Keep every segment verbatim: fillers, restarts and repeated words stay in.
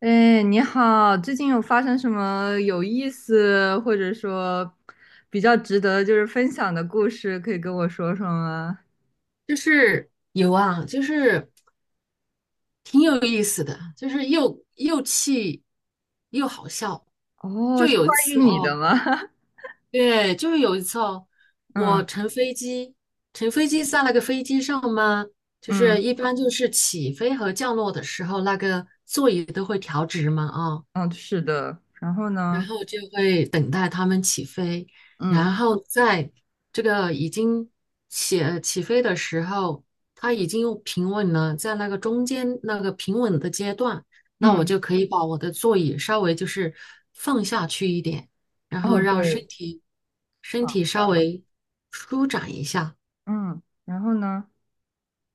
哎，你好，最近有发生什么有意思，或者说比较值得就是分享的故事，可以跟我说说吗？就是有啊，就是挺有意思的，就是又又气又好笑。哦，就是关有一于次你哦，的吗？对，就是有一次哦，我嗯乘飞机，乘飞机在那个飞机上嘛，就嗯是一般就是起飞和降落的时候，那个座椅都会调直嘛，啊、嗯，是的。然后呢？然后就会等待他们起飞，嗯然后在这个已经起呃起飞的时候，它已经又平稳了，在那个中间那个平稳的阶段，那我嗯，就可以把我的座椅稍微就是放下去一点，然后哦让身对，体身好体稍的。微舒展一下。嗯，然后呢？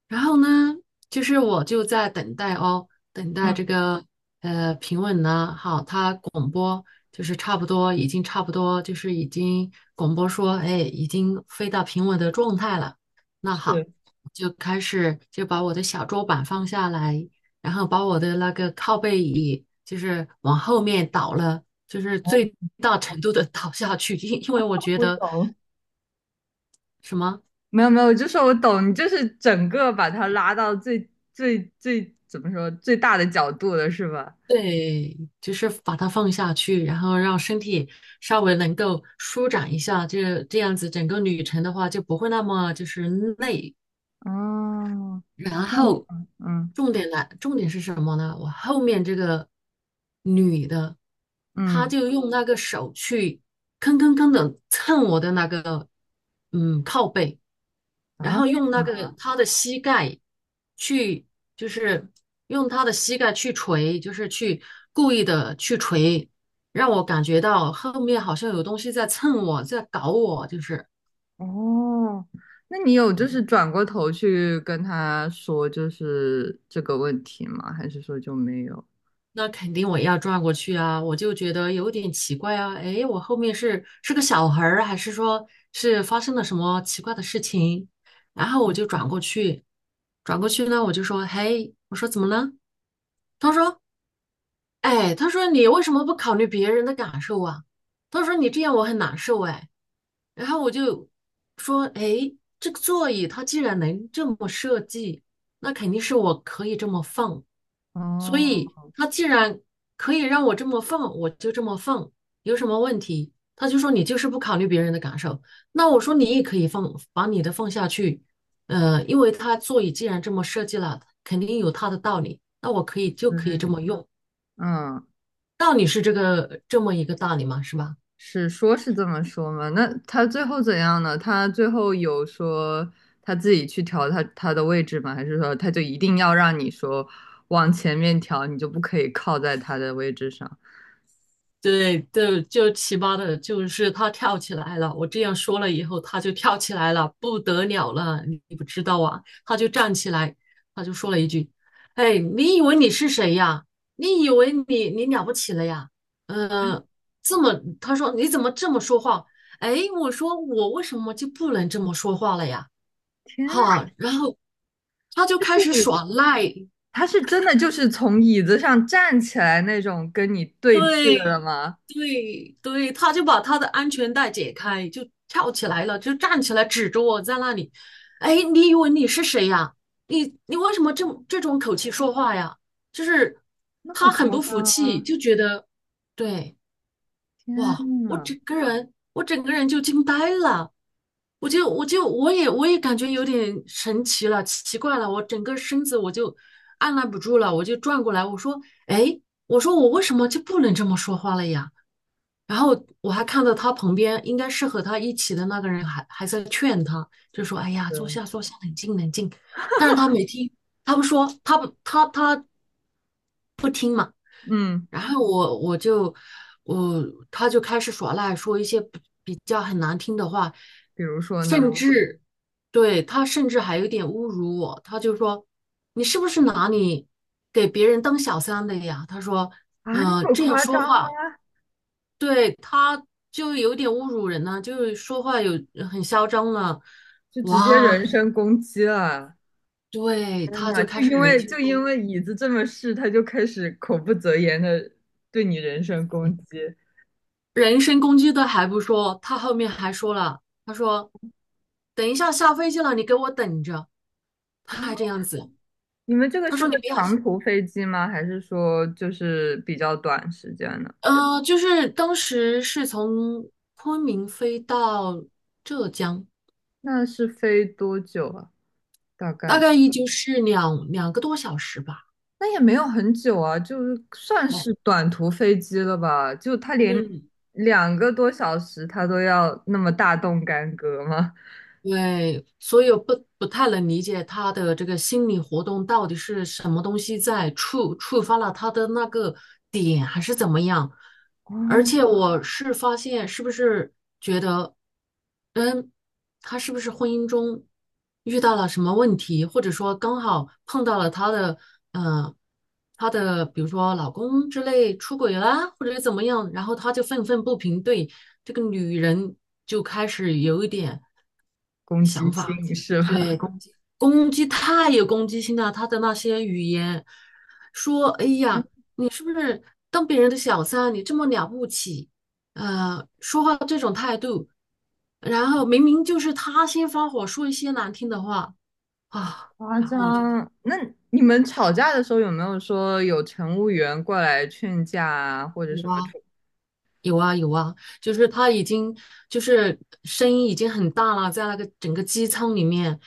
然后呢，就是我就在等待哦，等待这嗯，个呃平稳呢，好，他广播就是差不多，已经差不多，就是已经广播说，哎，已经飞到平稳的状态了。那好，是，就开始就把我的小桌板放下来，然后把我的那个靠背椅就是往后面倒了，就是哦，最大程度的倒下去，因因为我觉我得懂。什么。没有没有，我就说我懂，你就是整个把它拉到最最最怎么说最大的角度了，是吧？对，就是把它放下去，然后让身体稍微能够舒展一下，这这样子整个旅程的话就不会那么就是累。哦，然然后呢？后嗯重点来，重点是什么呢？我后面这个女的，她嗯，就用那个手去吭吭吭的蹭我的那个嗯靠背，然啊，后为用什那个么？他的膝盖去，就是用他的膝盖去捶，就是去故意的去捶，让我感觉到后面好像有东西在蹭我，在搞我，就是。哦，那你有就对，是转过头去跟他说就是这个问题吗？还是说就没有？那肯定我也要转过去啊，我就觉得有点奇怪啊，诶，我后面是是个小孩儿啊，还是说是发生了什么奇怪的事情？然后我就转过去，转过去呢，我就说，嘿，我说怎么了？他说，哎，他说你为什么不考虑别人的感受啊？他说你这样我很难受，哎。然后我就说，哎，这个座椅它既然能这么设计，那肯定是我可以这么放。所哦，以它既然可以让我这么放，我就这么放，有什么问题？他就说你就是不考虑别人的感受。那我说你也可以放，把你的放下去。呃，因为它座椅既然这么设计了，肯定有它的道理。那我可以就对可以对，这么用，嗯，道理是这个这么一个道理嘛，是吧？是说是这么说吗？那他最后怎样呢？他最后有说他自己去调他他的位置吗？还是说他就一定要让你说往前面调，你就不可以靠在他的位置上？对，就就奇葩的，就是他跳起来了。我这样说了以后，他就跳起来了，不得了了，你你不知道啊？他就站起来，他就说了一句："哎，你以为你是谁呀？你以为你你了不起了呀？呃，这么，他说你怎么这么说话？哎，我说我为什么就不能这么说话了呀？天呐，哈，然后他就开始耍赖，他是真的就是从椅子上站起来那种跟你对峙的对吗？对对，他就把他的安全带解开，就跳起来了，就站起来指着我在那里。哎，你以为你是谁呀？你你为什么这么这种口气说话呀？就是那么他很夸不服张啊！气，就觉得对，天哇，我呐，整个人我整个人就惊呆了，我就我就我也我也感觉有点神奇了，奇怪了，我整个身子我就按捺不住了，我就转过来，我说哎。我说我为什么就不能这么说话了呀？然后我还看到他旁边应该是和他一起的那个人还还在劝他，就说："哎呀，坐对，下坐下，冷静冷静。"但是他没听，他不说，他不他他不听嘛。嗯，然后我我就我他就开始耍赖，说一些比比较很难听的话，比如说甚呢？至对他甚至还有点侮辱我。他就说："你是不是拿你给别人当小三的呀？"他说：啊，那“嗯、么这样夸说张吗？话。"对，他就有点侮辱人了，就是说话有呃很嚣张了，就直接人哇，身攻击了！对，天他呐，就开就始因人为身就攻因击，为椅子这么试，他就开始口不择言的对你人身攻击人身攻击都还不说，他后面还说了，他说，等一下下飞机了，你给我等着，他啊！还这样子，你们这个他是说个你不要，长途飞机吗？还是说就是比较短时间的？呃，就是当时是从昆明飞到浙江，那是飞多久啊？大大概概也就是两两个多小时吧，那也没有很久啊，就是算哎，是短途飞机了吧？就他连嗯，两个多小时，他都要那么大动干戈吗？对，所以我不不太能理解他的这个心理活动到底是什么东西在触触发了他的那个点，还是怎么样？而且哦，我是发现，是不是嗯，他是不是婚姻中遇到了什么问题，或者说刚好碰到了他的，嗯，他的比如说老公之类出轨啦，或者怎么样，然后他就愤愤不平，对这个女人就开始有一点攻想击啊法，性是吧？对，攻击攻击太有攻击性了，他的那些语言说，哎呀，你是不是当别人的小三，你这么了不起？呃，说话这种态度，然后明明就是他先发火，说一些难听的话 啊，夸然后我就张。那你们吵架的时候有没有说有乘务员过来劝架啊，或者有什么啊，处？有啊有啊，就是他已经就是声音已经很大了，在那个整个机舱里面，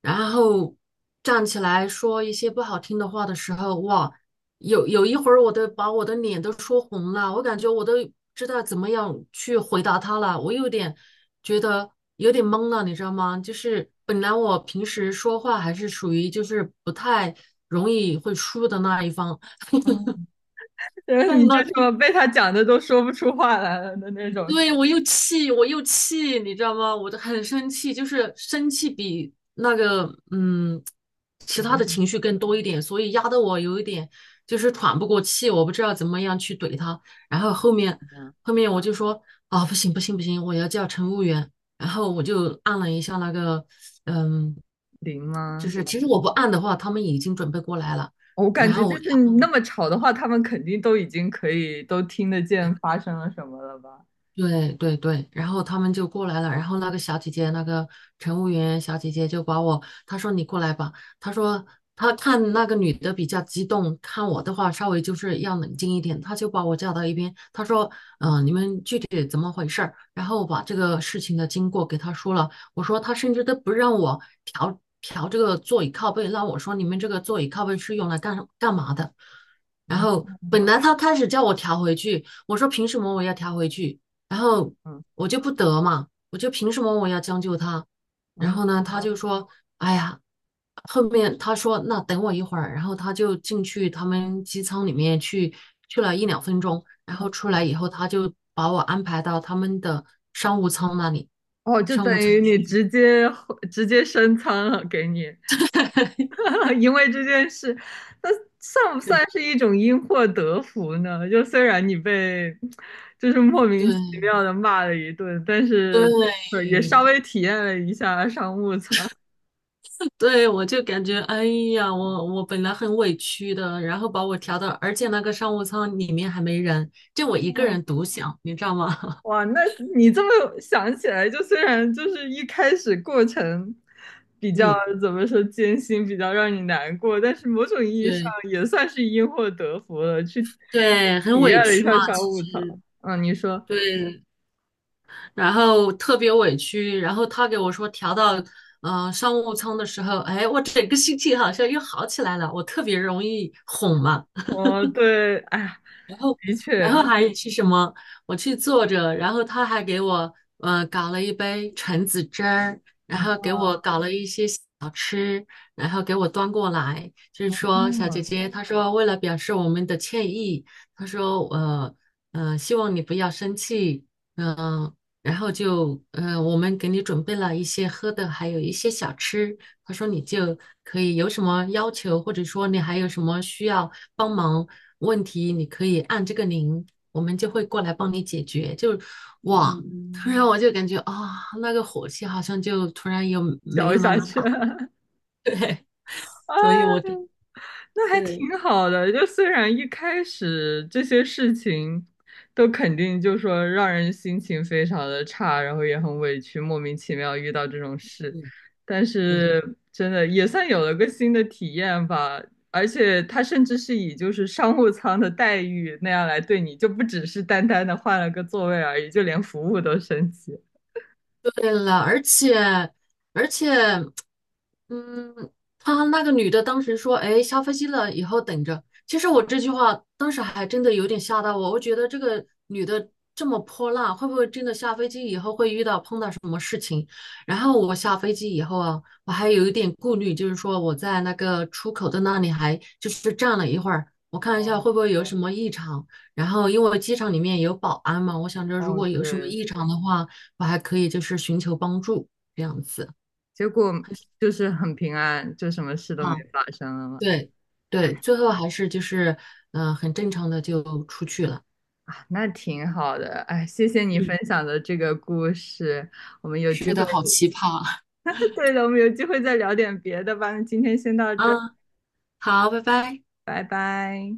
然后站起来说一些不好听的话的时候，哇，有有一会儿我都把我的脸都说红了，我感觉我都知道怎么样去回答他了，我有点觉得有点懵了，你知道吗？就是本来我平时说话还是属于就是不太容易会输的那一方，嗯，然后但是你就那什天么被他讲的都说不出话来了的那种，对，我又气，我又气，你知道吗？我就很生气，就是生气比那个嗯，怎其他么的是情绪更多一点，所以压得我有一点就是喘不过气，我不知道怎么样去怼他。然后后面你呢后面我就说啊，不行不行不行，我要叫乘务员。然后我就按了一下那个嗯，零就吗？是其实我不按的话，他们已经准备过来了。我感然觉后就我是你那么吵的话，他们肯定都已经可以都听得见发生了什么了吧？对对对，然后他们就过来了，然后那个小姐姐，那个乘务员小姐姐就把我，她说你过来吧，她说她看那个女的比较激动，看我的话稍微就是要冷静一点，她就把我叫到一边，她说，嗯、你们具体怎么回事儿？然后把这个事情的经过给她说了，我说她甚至都不让我调调这个座椅靠背，那我说你们这个座椅靠背是用来干干嘛的？然后嗯本来他开始叫我调回去，我说凭什么我要调回去？然后嗯我就不得嘛，我就凭什么我要将就他？然嗯，后呢，他就说，哎呀，后面他说那等我一会儿，然后他就进去他们机舱里面去去了一两分钟，然后出来以后，他就把我安排到他们的商务舱那里，哦，就商等务舱于你去。直接直接升舱了给你，因为这件事，那算不对算是一种因祸得福呢？就虽然你被就是莫名其对妙的骂了一顿，但是对，对也稍微体验了一下商务舱。对，我就感觉，哎呀，我我本来很委屈的，然后把我调到，而且那个商务舱里面还没人，就我一个哦人独享，你知道吗？哇，那你这么想起来，就虽然就是一开始过程比较嗯，怎么说艰辛，比较让你难过，但是某种意义上对也算是因祸得福了，去对，很体委验了一屈下嘛，商其务实舱。嗯，你说，对，然后特别委屈，然后他给我说调到嗯商务舱的时候，哎，我整个心情好像又好起来了，我特别容易哄嘛，哦，对，哎呀，的然后确，还是什么？我去坐着，然后他还给我呃搞了一杯橙子汁儿，然后给我啊，搞了一些小吃，然后给我端过来，就是说小姐嗯，姐，他说为了表示我们的歉意，他说呃呃希望你不要生气，嗯、然后就呃我们给你准备了一些喝的，还有一些小吃，他说你就可以有什么要求，或者说你还有什么需要。帮忙问题，你可以按这个铃，我们就会过来帮你解决。就哇，突然嗯我就感觉啊、哦那个火气好像就突然又没嚼一有那下么去。大，对，啊，所以我那还对，挺好的。就虽然一开始这些事情都肯定就说让人心情非常的差，然后也很委屈，莫名其妙遇到这种事，嗯，但对。是真的也算有了个新的体验吧。而且他甚至是以就是商务舱的待遇那样来对你，就不只是单单的换了个座位而已，就连服务都升级。对了，而且而且，嗯，他那个女的当时说："哎，下飞机了，以后等着。"其实我这句话当时还真的有点吓到我，我觉得这个女的这么泼辣，会不会真的下飞机以后会遇到碰到什么事情？然后我下飞机以后啊，我还有一点顾虑，就是说我在那个出口的那里还就是站了一会儿，我看一下哦会不会有什么异常。然后因为机场里面有保安嘛，我想着如哦，果有什么对，异常的话。我还可以就是寻求帮助这样子结果就是很平安，就什么事都没啊，发生了嘛。对对，最后还是就是嗯、呃很正常的就出去了。啊，那挺好的，哎，谢谢你分嗯，享的这个故事，我们有机是会，的，好奇葩 对的，我们有机会再聊点别的吧。那今天先到 这儿，啊，好，拜拜。拜拜。